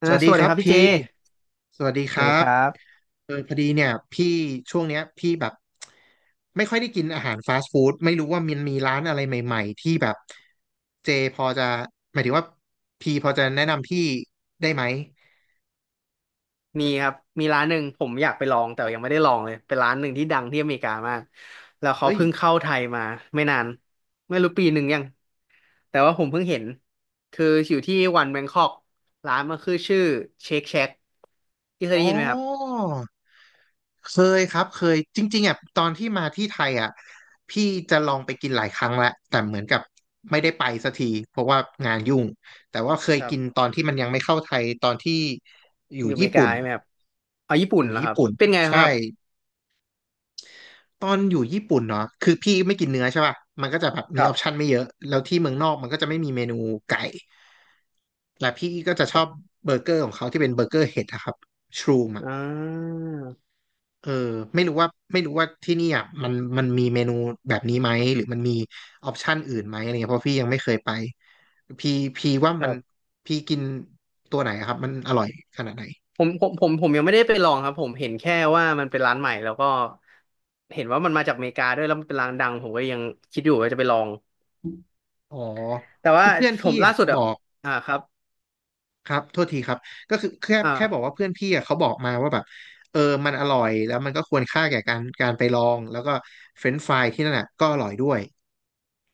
สวัสสดีวัสคดีรัคบรับพี่เจพี่สวัสดีสควัรัสดีคบรับพอดีเนี่ยพี่ช่วงเนี้ยพี่แบบไม่ค่อยได้กินอาหารฟาสต์ฟู้ดไม่รู้ว่ามันมีร้านอะไรใหม่ๆที่แบบเจพอจะหมายถึงว่าพี่พอจะแนะนำพี่ได้ไหมมีครับมีร้านหนึ่งผมอยากไปลองแต่ยังไม่ได้ลองเลยเป็นร้านหนึ่งที่ดังที่อเมริกามากแล้วเขาเอ้ยเพิ่งเข้าไทยมาไม่นานไม่รู้ปีหนึ่งยังแต่ว่าผมเพิ่งเห็นคืออยู่ที่วันแบงคอกร้านมันคือชื่อเชคแช a กที่เคยอ๋อ ได้ยินไหมครับเคยครับเคยจริงๆอ่ะตอนที่มาที่ไทยอ่ะพี่จะลองไปกินหลายครั้งแล้วแต่เหมือนกับไม่ได้ไปสักทีเพราะว่างานยุ่งแต่ว่าเคยครับกินตอนที่มันยังไม่เข้าไทยตอนที่อยู่อยู่อเมญี่ริกาปุ่นใช่ไหมครับเอาญี่อปุ่นยู่เหรอคญี่รับปุ่นเป็นไงครัใช่บตอนอยู่ญี่ปุ่นเนาะคือพี่ไม่กินเนื้อใช่ป่ะมันก็จะแบบมีคอรับอปชันไม่เยอะแล้วที่เมืองนอกมันก็จะไม่มีเมนูไก่และพี่ก็จะคชรัอบบเบอร์เกอร์ของเขาที่เป็นเบอร์เกอร์เห็ดอะครับชรูมอะ อ่เออไม่รู้ว่าที่นี่อ่ะมันมีเมนูแบบนี้ไหมหรือมันมีออปชันอื่นไหมอะไรเงี้ยเพราะพี่ยังไม่เคยไปพี่พี่ว่ามันา พี่กินตัวไหนอะครับมันอร่อยขนาดไหนผมยังไม่ได้ไปลองครับผมเห็นแค่ว่ามันเป็นร้านใหม่แล้วก็เห็นว่ามันมาจากอเมริกาด้วยแล้วมันเป็นร้านดังผมก็ยังคิดอยู่ว่าจะไปลองอ๋อแต่ว่าคือเพื่อนผพี่มล่าอะสุดบอ่ะอกอ่าครับครับโทษทีครับก็คือแค่บอกว่าอ่าเพื่อนพี่อะเขาบอกมาว่าแบบเออมันอร่อยแล้วมันก็ควรค่าแก่การไปลองแล้วก็เฟรนช์ฟรายที่นั่นอ่ะก็อร่อยด้วย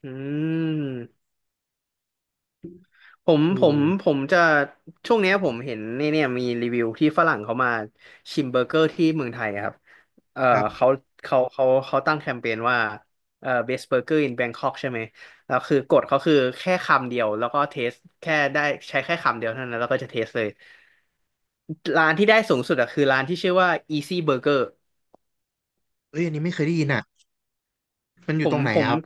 อืม ผมเอผมผอมจะช่วงเนี้ยผมเห็นเนี่ยเนี่ยมีรีวิวที่ฝรั่งเขามาชิมเบอร์เกอร์ที่เมืองไทยครับเออครับเขาเขาตั้งแคมเปญว่าเออ best burger in Bangkok ใช่ไหมแล้วคือกฎเขาคือแค่คำเดียวแล้วก็เทสแค่ได้ใช้แค่คำเดียวเท่านั้นแล้วก็จะเทสเลย ร้านที่ได้สูงสุดอะคือร้านที่ชื่อว่า Easy Burger เอ้ยอันนี้ไม่เคยได้ยินอ่ะมันอผยู่ตมรงไหนผมอะครับ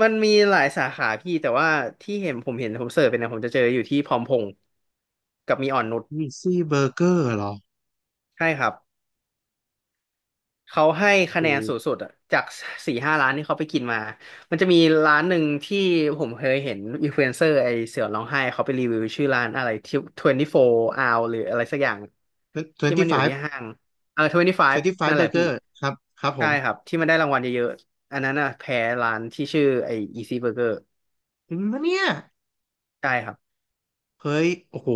มันมีหลายสาขาพี่แต่ว่าที่เห็นผมเสิร์ชไปเนะผมจะเจออยู่ที่พร้อมพงษ์กับมีอ่อนนุช Easy Burger เหรอใช่ครับ เขาให้คะโอแนนสูง้ สุดอะจากสี่ห้าร้านที่เขาไปกินมา มันจะมีร้านหนึ่งที่ผมเคยเห็นอินฟลูเอนเซอร์ไอเสือร้องไห้เขาไปรีวิวชื่อร้านอะไรที่24 hour หรืออะไรสักอย่างที่มันอยู่25 ที่ห้างเออ25นั่นแหละ25์เกพี่อร์ครับครับผใช่ครัมบที่มันได้รางวัลเยอะๆอันนั้นอะแพ้ร้านที่ชื่อไอ Easy Burger ถึงแล้วเนี่ยใช่ครับเฮ้ยโอ้โห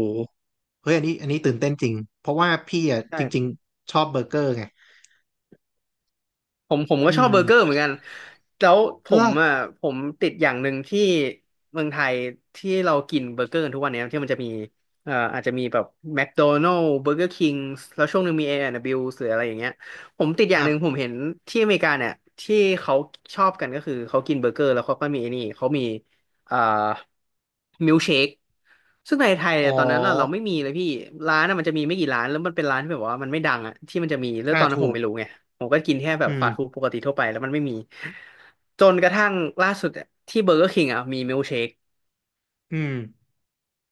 เฮ้ยอันนี้ตื่นเต้นจริงเพราะว่าพี่อ่ะจริงใช่ ๆชอบเบอร์เกอร์ไงผมก็อืชอบมเบอร์เกอร์เหมือนกันแล้วผเลมกอ่ะผมติดอย่างหนึ่งที่เมืองไทยที่เรากินเบอร์เกอร์กันทุกวันเนี้ยที่มันจะมีอาจจะมีแบบแมคโดนัล s ์เบอร์เกอร์คิงแล้วช่วงหนึ่งมีเอแอนด์ดับเบิลยูหรืออะไรอย่างเงี้ยผมติดอคย่างรัหบนึ่งผมเห็นที่อเมริกาเนี่ยที่เขาชอบกันก็คือเขากินเบอร์เกอร์แล้วเขาก็มีไอ้นี่เขามีเอ่อมิลเชคซึ่งในไทยอ๋อตอนนั้นน่ะเราไม่มีเลยพี่ร้านน่ะมันจะมีไม่กี่ร้านแล้วมันเป็นร้านที่แบบว่ามันไม่ดังอ่ะที่มันจะมีแล้วตอ่าอนนั้นถูผมกไม่รู้ไง ผมก็กินแค่แบอืบฟาสต์ฟู้ดมปกติทั่วไปแล้วมันไม่มีจนกระทั่งล่าสุดอะที่เบอร์เกอร์คิงอ่ะมีมิลเชคอืม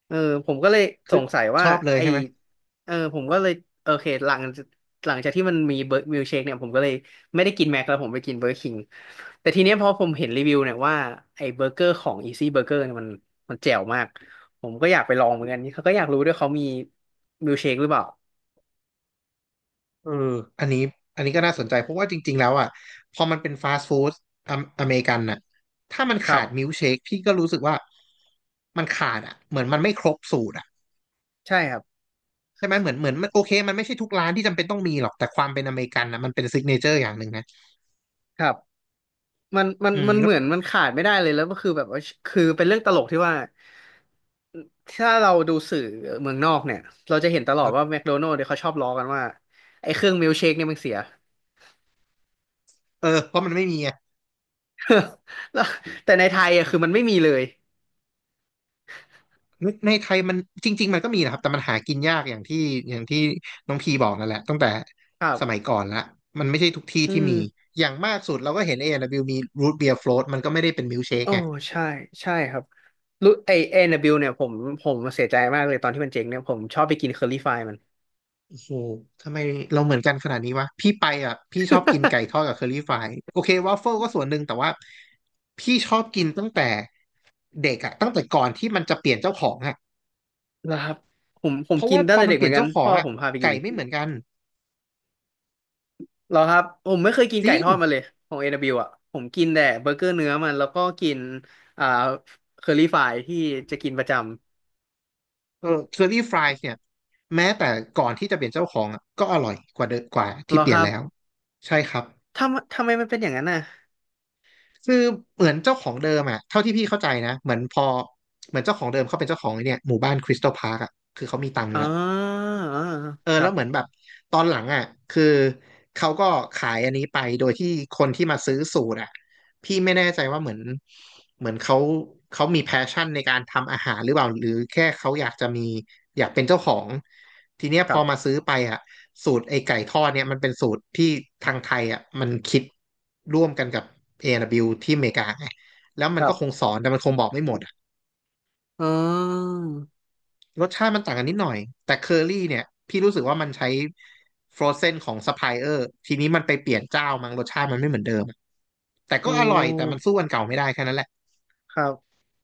เออผมก็เลยคืสองสัยชว่าอบเลยไอใช่ไหมเออผมก็เลยโอเคหลังจากที่มันมีเบอร์มิลเชคเนี่ยผมก็เลยไม่ได้กินแม็กแล้วผมไปกินเบอร์คิงแต่ทีเนี้ยพอผมเห็นรีวิวเนี่ยว่าไอเบอร์เกอร์ของอีซี่เบอร์เกอร์นี่ยมันมันแจ๋วมากผมก็อยากไปลองเหมือนกันเขาก็อยากรู้ด้วยเขามีมิลเชคหรือเปล่าเอออันนี้อันนี้ก็น่าสนใจเพราะว่าจริงๆแล้วอ่ะพอมันเป็นฟาสต์ฟู้ดอเมริกันน่ะถ้ามันคขารัดมิลค์บเชคพี่ก็รู้สึกว่ามันขาดอ่ะเหมือนมันไม่ครบสูตรอ่ะ ใช่ครับใช่ไหมเหมือนมันโอเคมันไม่ใช่ทุกร้านที่จำเป็นต้องมีหรอกแต่ความเป็นอเมริกันนะมันเป็นซิกเนเจอร์อย่างหนึ่งนะครับ มันมันอืมมันแล้เหวมือนมันขาดไม่ได้เลยแล้วก็คือแบบว่าคือเป็นเรื่องตลกที่ว่าถ้าเราดูสื่อเมืองนอกเนี่ยเราจะเห็นตลอคดรัว่าบแมคโดนัลด์เนี่ยเขาชอบล้อกันว่าไอ้เครื่องมิลค์เชคเนี่ยมันเสีย เออเพราะมันไม่มีอะ แล้วแต่ในไทยอ่ะคือมันไม่มีเลยในไทยมันจริงๆมันก็มีนะครับแต่มันหากินยากอย่างที่อย่างที่น้องพีบอกนั่นแหละตั้งแต่ครัสมัยบก่อนละมันไม่ใช่ทุกที่อืที่มมีอย่างมากสุดเราก็เห็น A&W มีรูทเบียร์โฟล t มันก็ไม่ได้เป็นมิลค์เชคโอ้ไง ใช่ใช่ครับรู้ไอเอนนบิลเนี่ยผมผมเสียใจมากเลยตอนที่มันเจ๊งเนี่ยผมชอบไปกินเคอรี่ฟมันโอ้โหทำไมเราเหมือนกันขนาดนี้วะพี่ไปอ่ะพี่ชอบกินไก่ทอดกับเคอรี่ฟรายโอเควาฟเฟิลก็ส่วนหนึ่งแต่ว่าพี่ชอบกินตั้งแต่เด็กอ่ะตั้งแต่ก่อนที่มันจะเปลี่ยนเจ้าของอ่ะนะครับผมผเพมราะกิว่านพตั้งอแต่มันเด็กเปเหลี่มืยอนนกันเจ้าขอพ่งออ่ะผมพาไปกิไก่น ไม่เหมือนกันเหรอครับผมไม่เคยกินจไก่ริงทอดมาเลยของ A&W อดับเบิลยูอ่ะผมกินแต่เบอร์เกอร์เนื้อมันแล้วก็กินอ่าเคอรี่ฟรายที่จะกินประจเออเคอรี่ฟรายเนี่ยแม้แต่ก่อนที่จะเปลี่ยนเจ้าของอ่ะก็อร่อยกว่าเดิมกว่าำเหที่รอเปลี่คยนรับแล้วใช่ครับทำไมมันเป็นอย่างนั้นน่ะคือเหมือนเจ้าของเดิมอ่ะเท่าที่พี่เข้าใจนะเหมือนพอเหมือนเจ้าของเดิมเขาเป็นเจ้าของไอ้เนี่ยหมู่บ้านคริสตัลพาร์คอ่ะคือเขามีตังค์อ๋อแล้ว อ๋อเออครัแล้วบเหมือนแบบตอนหลังอ่ะคือเขาก็ขายอันนี้ไปโดยที่คนที่มาซื้อสูตรอ่ะพี่ไม่แน่ใจว่าเหมือนเขาเขามีแพชชั่นในการทำอาหารหรือเปล่าหรือแค่เขาอยากจะมีอยากเป็นเจ้าของทีเนี้ยคพอรับมาซื้อไปอ่ะสูตรไอ้ไก่ทอดเนี่ยมันเป็นสูตรที่ทางไทยอ่ะมันคิดร่วมกันกับ A&W ที่อเมริกาไงแล้วมัคนรัก็คงบสอนแต่มันคงบอกไม่หมด อ๋อรสชาติมันต่างกันนิดหน่อยแต่เคอรี่เนี่ยพี่รู้สึกว่ามันใช้ฟรอเซนของซัพพลายเออร์ทีนี้มันไปเปลี่ยนเจ้ามั้งรสชาติมันไม่เหมือนเดิมแต่อืก็อร่อยแต่มันสู้มอันเก่าไม่ได้แค่นั้นแหละครับ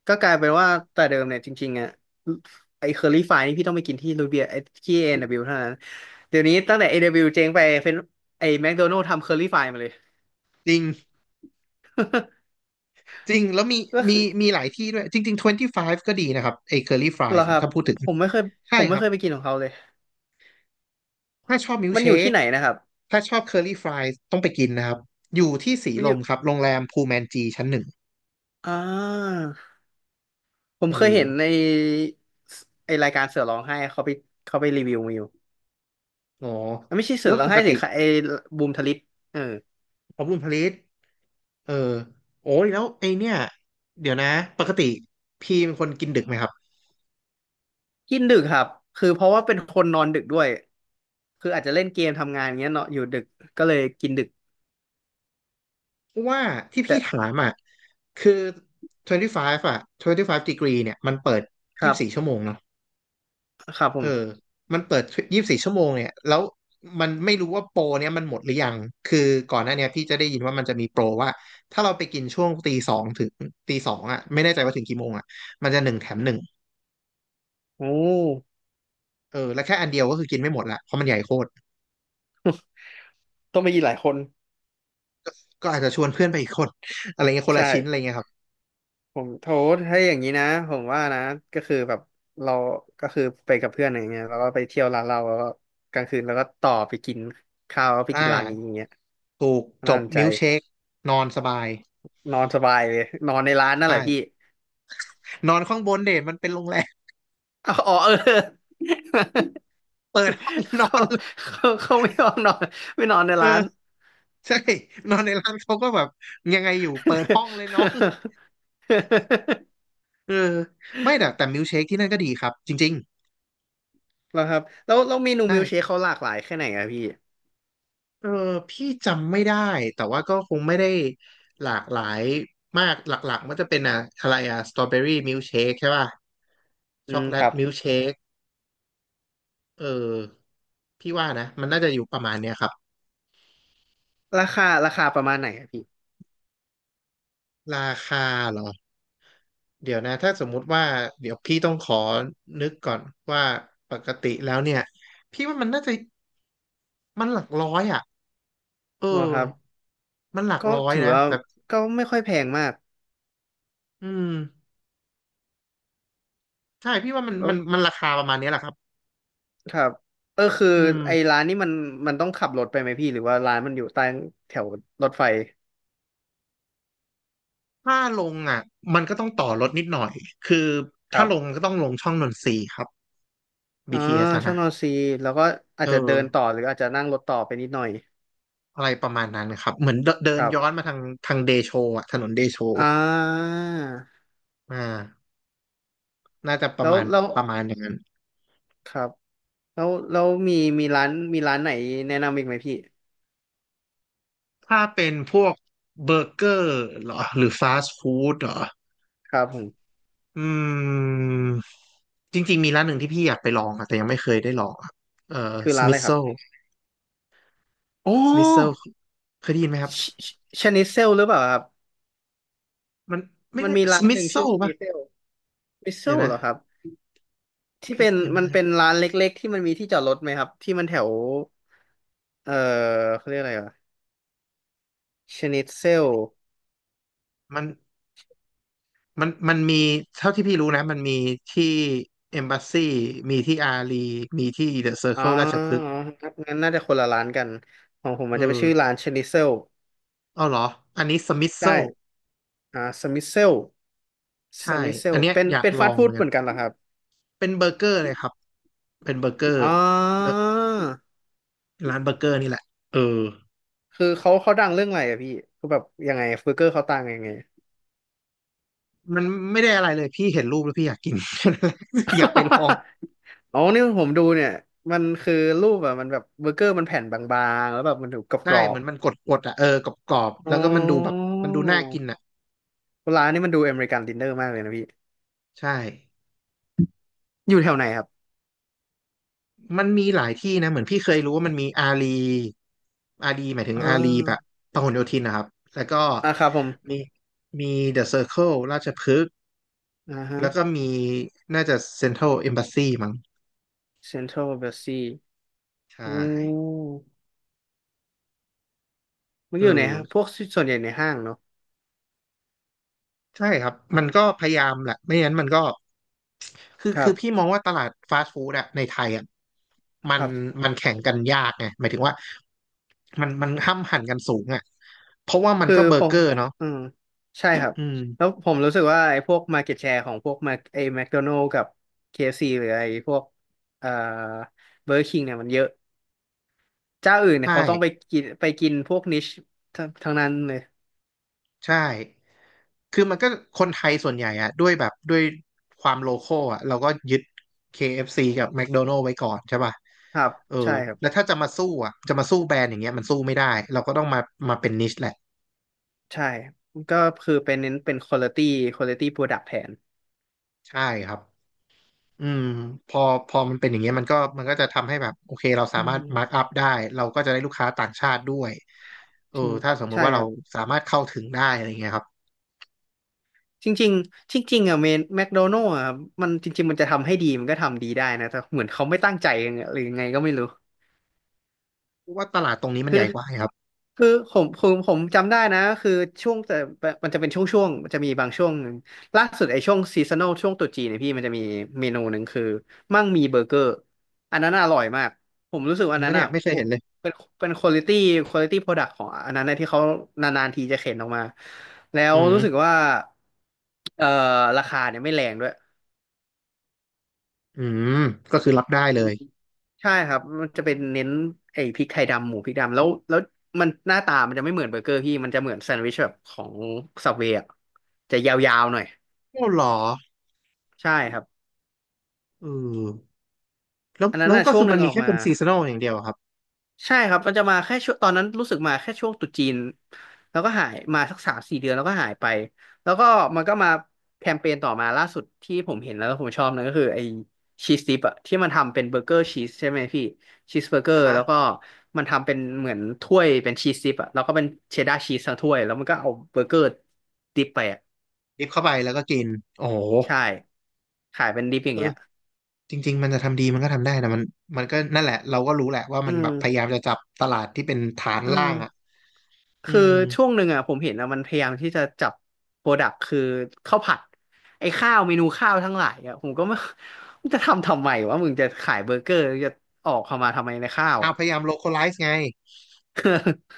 ก็กลายเป็นว่าแต่เดิมเนี่ยจริงๆอ่ะไอ้เคอรี่ฟรายนี่พี่ต้องไปกินที่รูเบียไอ้ที่ A&W เบิลยูเท่านั้นเดี๋ยวนี้ตั้งแต่ A&W เบิลยูเจ๊งไปเป็นไอ้แมคโดนัลด์ทำเคอรี่ฟรายมาเลย จริงจริงแล้วมี ก็มีคือ มีหลายที่ด้วยจริงๆ25ก็ดีนะครับไอ้เคอรี่ฟราเหยรอส์คนะรับถ้าพูดถึงผมไม่เคยผใช่มคไม่รัเคบยไปกินของเขาเลยถ้าชอบมิลค์มันเชอยู่คที่ไหนนะครับถ้าชอบเคอรี่ฟรายส์ต้องไปกินนะครับอยู่ที่สีมันลอมยู่ครับโรงแรมพูแมนจีชั้นหนึ่งอ่าผมเออเคยเห็นในไอรายการเสือร้องไห้เขาไปรีวิวมาอยู่อ๋ออ่ะไม่ใช่เสืแล้อวร้อปงกไห้ติสิค่ะไอบูมทลิปเออขอบคุณพลิต เออโอ้ยแล้วไอเนี่ยเดี๋ยวนะปกติพี่เป็นคนกินดึกไหมครับกินดึกครับคือเพราะว่าเป็นคนนอนดึกด้วยคืออาจจะเล่นเกมทำงานอย่างเงี้ยเนาะอยู่ดึกก็เลยกินดึกว่าที่พี่แต่ถามอ่ะคือ25อ่ะ25 degree เนี่ยมันเปิดครับ24ชั่วโมงเนาะครับผเออมมันเปิด24ชั่วโมงเนี่ยแล้วมันไม่รู้ว่าโปรเนี่ยมันหมดหรือยังคือก่อนหน้าเนี่ยพี่จะได้ยินว่ามันจะมีโปรว่าถ้าเราไปกินช่วงตีสองถึงตีสองอ่ะไม่แน่ใจว่าถึงกี่โมงอ่ะมันจะหนึ่งแถมหนึ่งโอ้เออแล้วแค่อันเดียวก็คือกินไม่หมดละเพราะมันใหญ่โคตรต้องไปกินหลายคนก็อาจจะชวนเพื่อนไปอีกคนอะไรเงี้ยคนใช่ ละชิ้นอะไรเงี้ยครับ ผมโทษให้อย่างนี้นะผมว่านะก็คือแบบเราก็คือไปกับเพื่อนอยไรเงี้ยแล้วก็ไปเที่ยวร้านเราแล้วก็กลางคืนแล้วก็ต่อไปกินข้าวแล้วไปอ่กินร้านนี้อาย่างเงี้ยถูกจน่าบสนใจมิลค์เชคนอนสบายนอนสบายเลยนอนในร้านนั่นใช่แหละพี่นอนข้างบนเด่นมันเป็นโรงแรม เอาอ๋อเออ เปิดห้อง นอเขาน เลยเขาไม่ยอมนอนไม่นอนในร้าน เออใช่นอนในร้านเขาก็แบบยังไงอยู่เปิดห้องเลยน้อง เออไม่แต่มิลค์เชคที่นั่นก็ดีครับจริง แล้วครับแล้วเมๆนูใช่มิลเชคเขาหลากหลายแค่ไหนอะพี่เออพี่จำไม่ได้แต่ว่าก็คงไม่ได้หลากหลายมากหลักๆมันจะเป็นอะอะไรอะสตรอเบอรี่มิลค์เชคใช่ป่ะอืช็อกมโกแลคตรับมิลค์เชคเออพี่ว่านะมันน่าจะอยู่ประมาณเนี้ยครับราคาประมาณไหนอะพี่ราคาเหรอ เดี๋ยวนะถ้าสมมุติว่าเดี๋ยวพี่ต้องขอนึกก่อนว่าปกติแล้วเนี่ยพี่ว่ามันน่าจะมันหลักร้อยอ่ะเออ๋ออครับ มันหลักก็ร้อยถือนะว่าแต่ก็ไม่ค่อยแพงมากอืมใช่พี่ว่ามันแล้มัวนมันราคาประมาณเนี้ยแหละครับครับเออคืออืไอ้มร้านนี้มันต้องขับรถไปไหมพี่หรือว่าร้านมันอยู่ใต้แถวรถไฟถ้าลงอ่ะมันก็ต้องต่อรถนิดหน่อยคือคถ้ารับลงก็ต้องลงช่องนนทรีย์ครับ อ่า BTS อสอะช่องนะนอนซีแล้วก็อาเออจจะเดินต่อหรืออาจจะนั่งรถต่อไปนิดหน่อยอะไรประมาณนั้นนะครับเหมือนเดิคนรัย้อนบมาทางเดโชอ่ะถนนเดโชอ่าอ่าน่าจะปแล้ระวมาณแล้วประมาณอย่างนั้น ครับแล้วมีมีร้านไหนแนะนำอีกไหมพี่ถ้าเป็นพวกเบอร์เกอร์เหรอหรือฟาสต์ฟู้ดเหรอ ครับผมอืม จริงๆมีร้านหนึ่งที่พี่อยากไปลองอะแต่ยังไม่เคยได้ลองอะเอ่อคือสร้านมิ อะไร t คโซรับอ๋อสมิ t โซเคยได้ยินไหมครับ ชชชนิเซลหรือเปล่าครับมันไม่มันได้มีสร้านมิ ห t นึ่งโซชื่อชป่ะนิเซลมิเซเดี๋ยวลนะเหรอครับ ที่เอเป็สนเอ็มมันเป็นร้านเล็กๆที่มันมีที่จอดรถไหมครับที่มันแถวเออเขาเรียกอะไรอ่ะชนิตเซลมันมันมีเท่าที่พี่รู้นะมันมีที่เอมบ s สซีมีที่อารีมีที่เดอะเซอร์อ๋อเคิลราชพฤกษ์ครับงั้นน่าจะคนละร้านกันของผมเอมันจะไปนอชื่อร้านชนิตเซลเอาเหรอ อันนี้สมิ t โซใช่อ่าสมิเซลสใช่ มิเซอัลนเนี้ยเป็นอยากลอฟาสต์งเหฟู้มือดนเหกัน มือนกันเหรอครับเป็นเบอร์เกอร์เลยครับ เป็นเบอร์เกอร์อ๋แล้วอร้านเบอร์เกอร์นี่แหละเออคือเขาดังเรื่องอะไรอะพี่คือแบบยังไงเบอร์เกอร์เขาต่างยังไง มันไม่ได้อะไรเลยพี่เห็นรูปแล้วพี่อยากกิน อยากไปลอง อ๋อนี่ผมดูเนี่ยมันคือรูปอะมันแบบเบอร์เกอร์มันแผ่นบางๆแล้วแบบมันถูกกใช่รอเหมืบ อนมันกดๆอ่ะเออกรอบๆอ๋แล้วก็มันดูแบบอมันดูน่ากินอ่ะร้านนี้มันดูอเมริกันดินเนอร์มากเลยนะพี่ใช่อยู่แถวไหนครับมันมีหลายที่นะเหมือนพี่เคยรู้ว่ามันมีอารีอารีหมายถึงอ่อารีแบบาพหลโยธินนะครับแล้วก็อ่าครับผมมีมีเดอะเซอร์เคิลราชพฤกษ์อ่าฮะแล้วก็มีน่าจะเซ็นทรัลเอมบาซีมั้งเซ็นทรัลเบลซีใช่อืมมันเออยู่ในอห้างพวกส่วนใหญ่ในห้างเนาะใช่ครับมันก็พยายามแหละไม่งั้นมันก็ คือครัคือพี่บมองว่าตลาดฟาสต์ฟู้ดอะในไทยอะมัคนรับมันแข่งกันยากไงหมายถึงว่ามันห้ำหั่นกันสูงอะเพราะว่ามันคือก็เบอผร์เกมอร์เนาะอืมใช่ครับอืแล้วมผมรู้สึกว่าไอ้พวก market share ของพวก Mac ไอ้ McDonald's กับ KFC หรือไอ้พวกเอ่อ Burger King เนี่ยมันเยอะเจ้าอื่นเนี่ยใช่เขาต้องไปไปกินพวกนิชทั้งนั้นเลยใช่คือมันก็คนไทยส่วนใหญ่อะด้วยแบบด้วยความโลคอลอะเราก็ยึด KFC กับ McDonald's ไว้ก่อนใช่ป่ะครับเออใช่ครัแล้วบ ถ้าจะมาสู้อะจะมาสู้แบรนด์อย่างเงี้ยมันสู้ไม่ได้เราก็ต้องมาเป็นนิชแหละใช่ก็คือเป็นเน้นเป็น quality product แทนใช่ครับ อืมพอพอมันเป็นอย่างเงี้ยมันก็จะทำให้แบบโอเคเราสาอืมารมถมาร์กอัพได้เราก็จะได้ลูกค้าต่างชาติด้วยเออจริงถ้าสมมุใช่ติว่าคเรารับสามารถเข้าถึงได้อะไรเงี้ยครับจริงๆจริงๆอ่ะเมนแมคโดนัลด์อ่ะมันจริงๆมันจะทำให้ดีมันก็ทำดีได้นะแต่เหมือนเขาไม่ตั้งใจยังไงหรือยังไงก็ไม่รู้ เพราะว่าตลาดตรงนี้มันคือใหญ่กว่าไงครับคือผมจำได้นะคือช่วงแต่มันจะเป็นช่วงจะมีบางช่วงหนึ่งล่าสุดไอ้ช่วงซีซัน a ลช่วงตรุษจีนเนี่ยพี่มันจะมีเมนูหนึ่งคือมั่งมีเบอร์เกอร์อันนั้นอร่อยมากผมรู้สึกจว่าริอังนนั้ปะนเนี่อ่ะยไม่เคยเห็นเลยเป็นเป็นควอลิตี้ควอลิตี้โปรดักต์ของอันนั้นนะที่เขานานๆทีจะเข็นออกมาแล้วอืมรู้สึกว่าเอ่อราคาเนี่ยไม่แรงด้วย อืมก็คือรับได้เลยใช่ครับ มันจะเป็นเน้นไอ้พริกไทยดำหมูพริกดำแล้วมันหน้าตามันจะไม่เหมือนเบอร์เกอร์พี่มันจะเหมือนแซนด์วิชแบบของสับเวย์จะยาวๆหน่อยโอ้เหรอใช่ครับเอออันนั้แล้นวน่ะก็ช่วคืงอหมันึ่นงอมีอกแค่มา เป็นซีซันอลอย่างเดียวอะครับใช่ครับมันจะมาแค่ช่วงตอนนั้นรู้สึกมาแค่ช่วงตรุษจีนแล้วก็หายมาสักสามสี่เดือนแล้วก็หายไปแล้วก็มันก็มาแคมเปญต่อมาล่าสุดที่ผมเห็นแล้วผมชอบนนก็คือไอ้ชีสดิปอะที่มันทำเป็นเบอร์เกอร์ชีสใช่ไหมพี่ชีสเบอร์เกอนะร์ฮะแล้วก็มันทำเป็นเหมือนถ้วยเป็นชีสดิปอะแล้วก็เป็นเชดดาร์ชีสทั้งถ้วยแล้วมันก็เอาเบอร์เกอร์ดิปไปอะดิบเข้าไปแล้วก็กินโอ้โหใช่ขายเป็นดิปอเอย่างอเงี้ยจริงๆมันจะทำดีมันก็ทำได้นะมันมันก็นั่นแหละเราก็รู้แหละว่าอืมันแบบพยามยามจะจับตลาดที่เป็นฐานอืล่างอ่ะม อืคือม ช่วงหนึ่งอ่ะผมเห็นอ่ะมันพยายามที่จะจับโปรดักต์คือข้าวผัดไอ้ข้าวเมนูข้าวทั้งหลายอ่ะผมก็ไม่ มึงจะทำทำไมวะมึงจะขายเบอร์เกอร์จะออกความาทำไมในข้าวเอาอ่ะ พยายาม localize ไง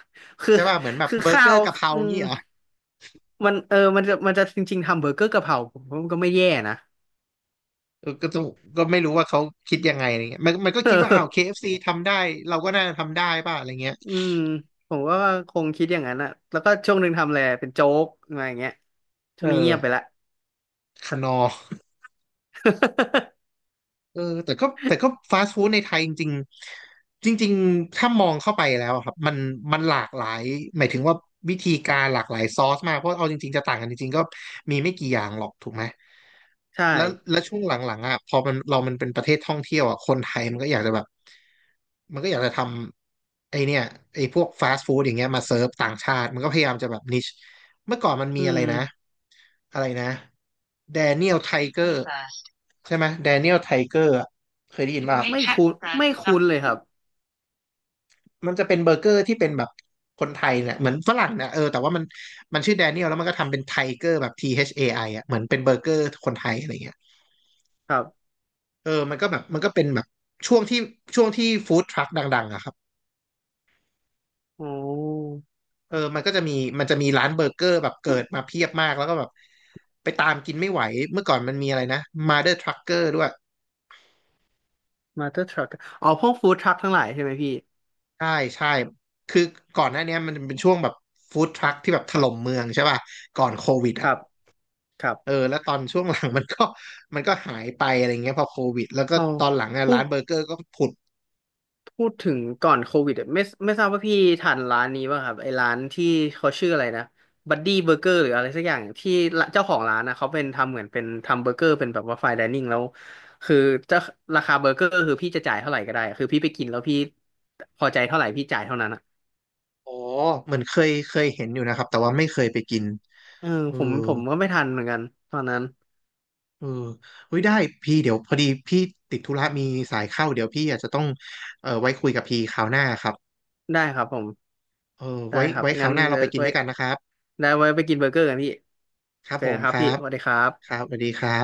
คือใช่ป่ะเหมือนแบบเบอร์เกข้าอวร์กะเพราอืมงี้เหรอมันจริงๆทำเบอร์เกอร์กะเพราผมว่ามันก็ไม่แย่นะ เออก็ต้องก็ไม่รู้ว่าเขาคิดยังไงอะไรเงี้ยมันก็เคิดว่าอ้าว ออ KFC ทำได้เราก็น่าจะทำได้ป่ะอะไรเงี้ยอืมผมก็คงคิดอย่างนั้นอ่ะแล้วก็ช่วงหนึ่งทำอะไรเป็นโจ๊กอะไรอย่างเงี้ยช่เอวงอนี้เงียบไปละ คนอ เออแต่ก็ฟาสต์ฟู้ดในไทยจริงๆจริงๆถ้ามองเข้าไปแล้วอะครับมันมันหลากหลายหมายถึงว่าวิธีการหลากหลายซอสมากเพราะเอาจริงๆจะต่างกันจริงๆก็มีไม่กี่อย่างหรอกถูกไหม ใช่แล้วช่วงหลังๆอ่ะพอมันเรามันเป็นประเทศท่องเที่ยวอ่ะคนไทยมันก็อยากจะแบบมันก็อยากจะทำไอเนี่ยไอพวกฟาสต์ฟู้ดอย่างเงี้ยมาเซิร์ฟต่างชาติมันก็พยายามจะแบบนิชเมื่อก่อนมันมีอือะไรมนะอะไรนะแดเนียลไทเกอร์ ใช่ไหมแดเนียลไทเกอร์เคยได้ยินป่ะครับไม่ไม่ใช่คุ้นไม่นะครับคุ้นเลยครับ มันจะเป็นเบอร์เกอร์ที่เป็นแบบคนไทยเนี่ยเหมือนฝรั่งเนี่ยเออแต่ว่ามันมันชื่อแดเนียลแล้วมันก็ทำเป็นไทเกอร์แบบ T H A I อไออ่ะเหมือนเป็นเบอร์เกอร์คนไทยอะไรเงี้ยครับเออมันก็แบบมันก็เป็นแบบช่วงที่ช่วงที่ฟู้ดทรัคดังๆอะครับอ๋อเออมันก็จะมีมันจะมีร้านเบอร์เกอร์แบบเกิดมาเพียบมากแล้วก็แบบไปตามกินไม่ไหวเมื่อก่อนมันมีอะไรนะมาเดอร์ทรัคเกอร์ด้วย มาเตอร์ทรัคอ๋อพวกฟู้ดทรัคทั้งหลายใช่ไหมพี่ใช่ใช่คือก่อนหน้าเนี้ยมันเป็นช่วงแบบฟู้ดทรัคที่แบบถล่มเมืองใช่ป่ะก่อนโควิดคอ่ะรับครับเออแล้วตอนช่วงหลัง มันก็หายไปอะไรเงี้ยพอโควิดแล้วก็อ๋อตอนหลังอะพูร้านเบอร์ดเกอร์ก็ผุดถึงก่อนโควิดอะไม่ทราบว่าพี่ทานร้านนี้ป่ะครับไอ้ร้านที่เขาชื่ออะไรนะบัดดี้เบอร์เกอร์หรืออะไรสักอย่างที่ละเจ้าของร้านนะเขาเป็นทำเหมือนเป็นทำเบอร์เกอร์เป็นแบบว่าไฟน์ไดนิ่งแล้วคือจะราคาเบอร์เกอร์คือพี่จะจ่ายเท่าไหร่ก็ได้คือพี่ไปกินแล้วพี่พอใจเท่าไหร่พี่จ่ายเท่านั้นอะอ๋อเหมือนเคยเห็นอยู่นะครับแต่ว่าไม่เคยไปกินเออเออผมก็ไม่ทันเหมือนกันตอนนั้น เออเฮ้ยได้พี่เดี๋ยวพอดีพี่ติดธุระมีสายเข้าเดี๋ยวพี่อาจจะต้องเออไว้คุยกับพี่คราวหน้าครับได้ครับผมเออได้ไว้ครับครางั้วนหน้าเราเดี๋ยไปวกกินไว้ด้วยกันนะครับได้ไว้ไปกินเบอร์เกอร์กันพี่ครับเจอผกันมครัคบรัพี่บสวัสดีครับครับสวัสดีครับ